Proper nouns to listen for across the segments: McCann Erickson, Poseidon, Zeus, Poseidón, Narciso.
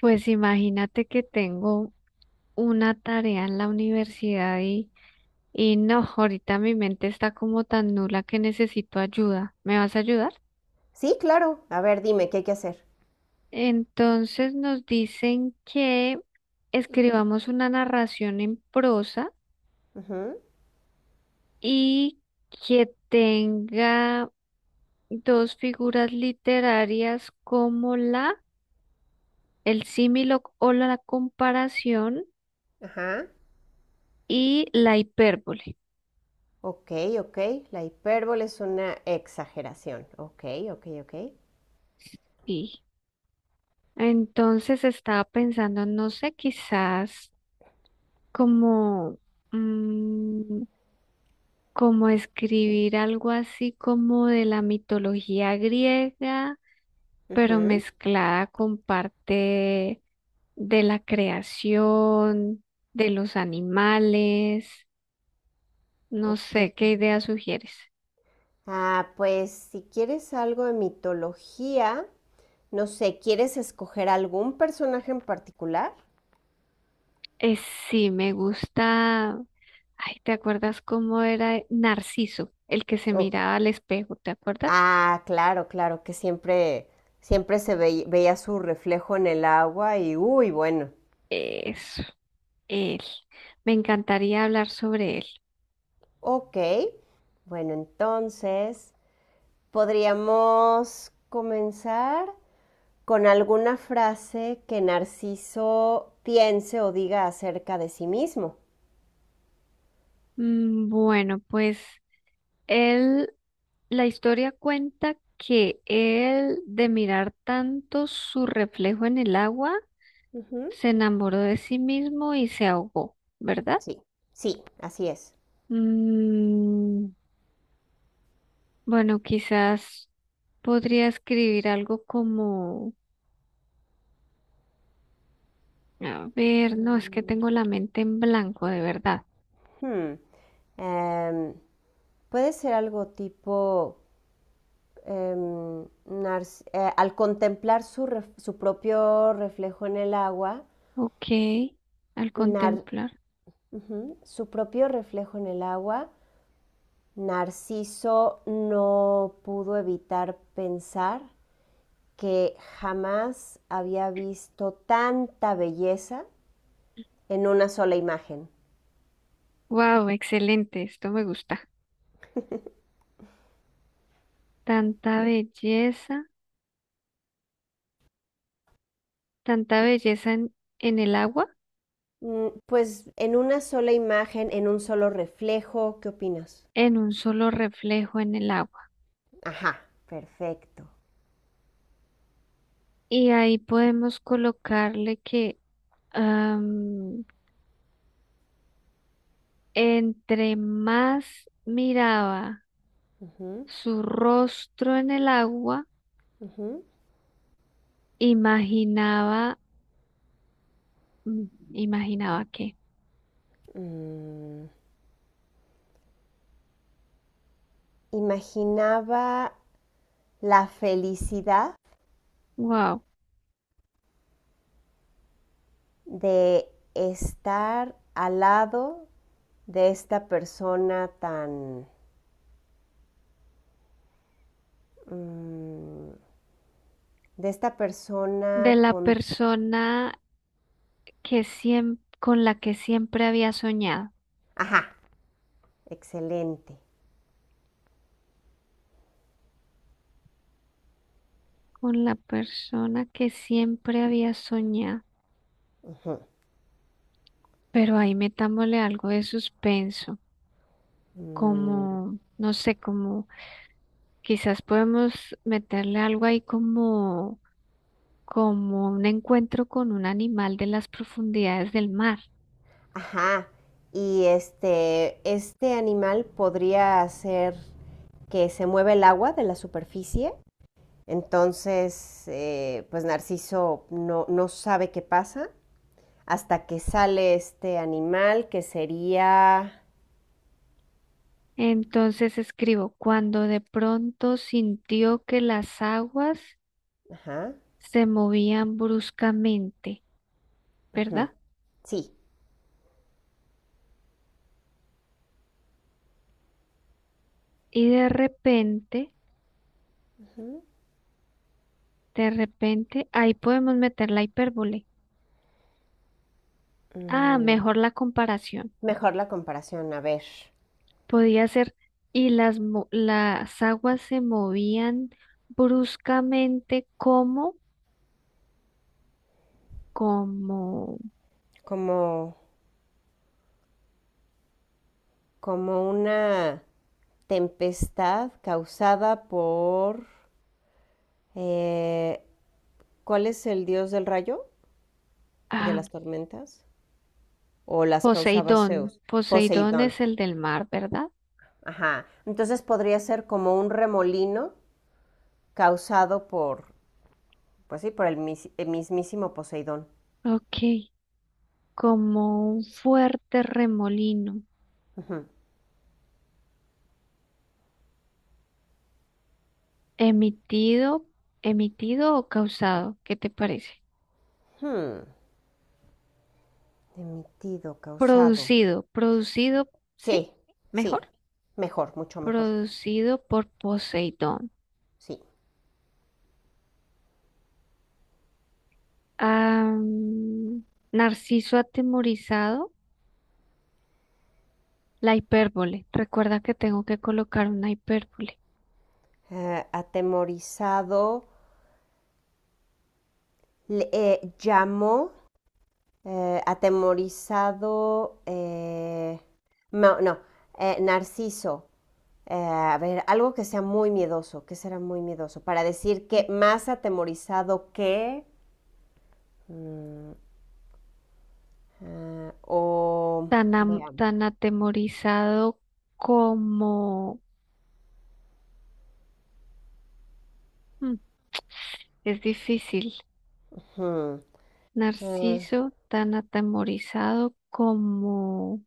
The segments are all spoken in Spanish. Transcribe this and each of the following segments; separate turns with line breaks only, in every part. Pues imagínate que tengo una tarea en la universidad y no, ahorita mi mente está como tan nula que necesito ayuda. ¿Me vas a ayudar?
Sí, claro. A ver, dime, ¿qué hay que hacer?
Entonces nos dicen que
Ujú.
escribamos una narración en prosa
Ujú.
y que tenga dos figuras literarias como la, el símil o la comparación
Ajá.
y la hipérbole.
Ok, ok. La hipérbole es una exageración. Ok, ok, ok.
Entonces estaba pensando, no sé, quizás como, mm, como escribir algo así como de la mitología griega, pero
Ujú.
mezclada con parte de la creación, de los animales, no
Ok.
sé, ¿qué idea sugieres?
Ah, pues si quieres algo de mitología, no sé, ¿quieres escoger algún personaje en particular?
Eh, sí, me gusta. Ay, ¿te acuerdas cómo era Narciso, el que se
O-
miraba al espejo? ¿Te acuerdas?
Ah, claro, que siempre veía su reflejo en el agua y, uy, bueno.
Eso. Él. Me encantaría hablar sobre él.
Ok, bueno, entonces... Podríamos comenzar con alguna frase que Narciso piense o diga acerca de sí mismo.
Bueno, pues él, la historia cuenta que él, de mirar tanto su reflejo en el agua,
Ujú.
se enamoró de sí mismo y se ahogó, ¿verdad?
Sí, sí, así es.
Mm, bueno, quizás podría escribir algo como, a ver, no, es que
Mm,
tengo la mente en blanco, de verdad.
Hmm, em, Puede ser algo tipo al contemplar su propio reflejo en el agua.
Ok, al
Nar-
contemplar.
Ujú, su propio reflejo en el agua, Narciso no pudo evitar pensar que jamás había visto tanta belleza en una sola imagen.
Wow, excelente, esto me gusta. Tanta belleza, tanta belleza en el agua,
Pues en una sola imagen, en un solo reflejo, ¿qué opinas?
en un solo reflejo en el agua.
Ajá, perfecto.
Y ahí podemos colocarle que am, entre más miraba
Ujú,
su rostro en el agua,
ujú.
imaginaba, mm, imaginaba que,
Mm, Imaginaba la felicidad
wow,
de estar al lado de esta persona tan... Mm, de esta
de
persona
la
con...
persona que siempre, con la que siempre había soñado,
Ajá, excelente.
con la persona que siempre había soñado. Pero ahí metámosle algo de suspenso,
Mm,
como, no sé, como quizás podemos meterle algo ahí como, como un encuentro con un animal de las profundidades del mar.
ajá. Y este animal podría hacer que se mueva el agua de la superficie. Entonces, pues Narciso no sabe qué pasa hasta que sale este animal que sería...
Entonces escribo, cuando de pronto sintió que las aguas
Ajá.
se movían bruscamente,
Ujú.
¿verdad?
Sí.
Y
Ujú.
de repente, ahí podemos meter la hipérbole. Ah,
Mm,
mejor la comparación.
Mejor la comparación. A ver,
Podía ser, y las, las aguas se movían bruscamente como, como
¿cómo, como una tempestad causada por... eh, ¿cuál es el dios del rayo y de
ah,
las tormentas? ¿O las causaba
Poseidón.
Zeus?
Poseidón
Poseidón.
es el del mar, ¿verdad?
Ajá. Entonces podría ser como un remolino causado por, pues sí, por el mismísimo Poseidón.
Ok, como un fuerte remolino
Ujú.
emitido, emitido o causado, ¿qué te parece?
Hmm. Emitido, causado.
Producido, producido, ¿sí?
Sí, sí.
Mejor,
Mejor, mucho mejor.
producido por Poseidón.
Sí.
Ah, Narciso atemorizado. La hipérbole. Recuerda que tengo que colocar una hipérbole.
Atemorizado. Llamó... atemorizado, no, no, Narciso. A ver, algo que sea muy miedoso. ¿Qué será muy miedoso? Para decir que más atemorizado que... mm, ah, o.
Tan,
Veamos.
tan atemorizado como... Mm, es difícil.
Hmm, ah,
Narciso, tan atemorizado como...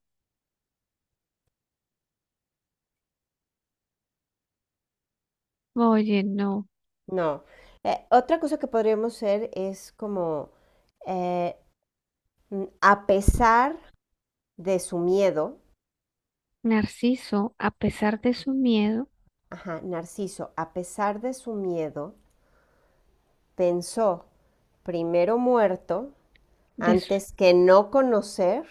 Oye, no.
no. Otra cosa que podríamos hacer es como... eh, a pesar de su miedo.
Narciso, a pesar de su miedo,
Ajá, Narciso, a pesar de su miedo, pensó: primero muerto
de su-
antes que no conocer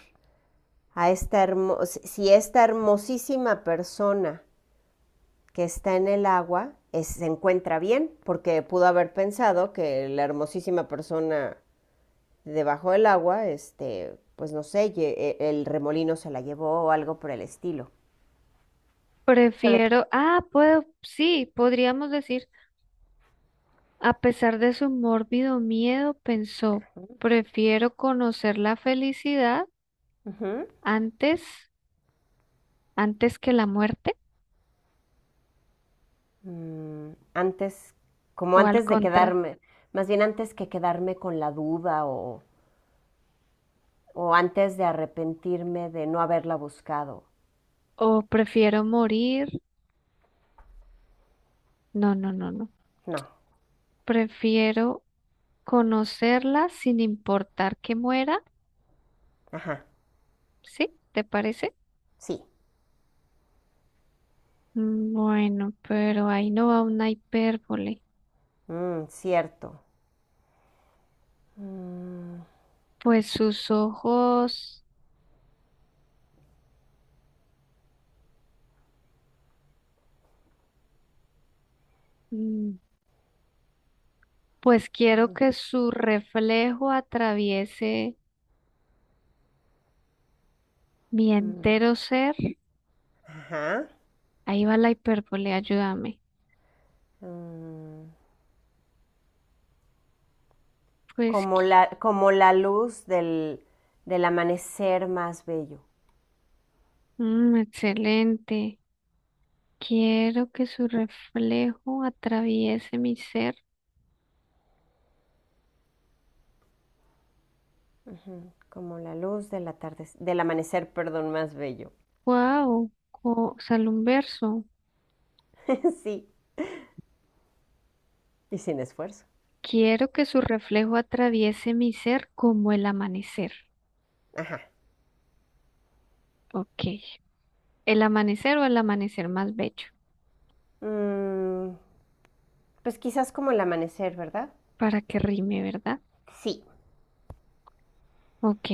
a esta hermos si si esta hermosísima persona que está en el agua. Se encuentra bien, porque pudo haber pensado que la hermosísima persona debajo del agua, este, pues no sé, el remolino se la llevó o algo por el estilo. Se le-
prefiero... Ah, puedo... Sí, podríamos decir, a pesar de su mórbido miedo, pensó, prefiero conocer la felicidad antes, antes que la muerte.
Mm, antes, como
O al
antes de
contra,
quedarme, más bien antes que quedarme con la duda o antes de arrepentirme de no haberla buscado.
o prefiero morir. No, no, no, no.
No.
Prefiero conocerla sin importar que muera.
Ajá.
¿Sí? ¿Te parece?
Sí.
Bueno, pero ahí no va una hipérbole.
Mm, cierto.
Pues sus ojos, mm, pues quiero que su reflejo atraviese mi
Mm,
entero ser.
ajá.
Ahí va la hipérbole, ayúdame.
Mm,
Pues,
Como
qui-
como la luz del amanecer más bello.
excelente. Quiero que su reflejo atraviese mi ser.
Como la luz del atardecer, del amanecer, perdón, más bello.
Wow, sale un verso.
Sí. Y sin esfuerzo.
Quiero que su reflejo atraviese mi ser como el amanecer. Ok. El amanecer o el amanecer más bello.
Mm, pues quizás como el amanecer, ¿verdad?
Para que rime, ¿verdad?
Sí.
Ok.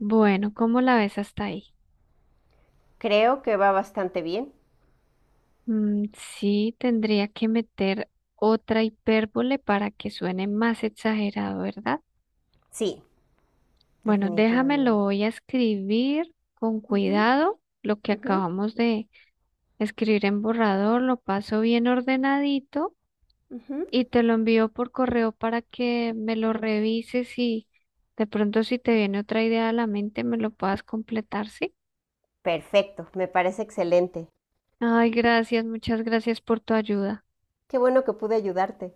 Bueno, ¿cómo la ves hasta ahí?
Creo que va bastante bien.
Mm, sí, tendría que meter otra hipérbole para que suene más exagerado, ¿verdad?
Sí,
Bueno, déjame, lo
definitivamente.
voy a escribir con
Ujú,
cuidado. Lo que
ujú,
acabamos de escribir en borrador, lo paso bien ordenadito
ujú.
y te lo envío por correo para que me lo revises y de pronto si te viene otra idea a la mente me lo puedas completar, ¿sí?
Perfecto, me parece excelente.
Ay, gracias, muchas gracias por tu ayuda.
Qué bueno que pude ayudarte.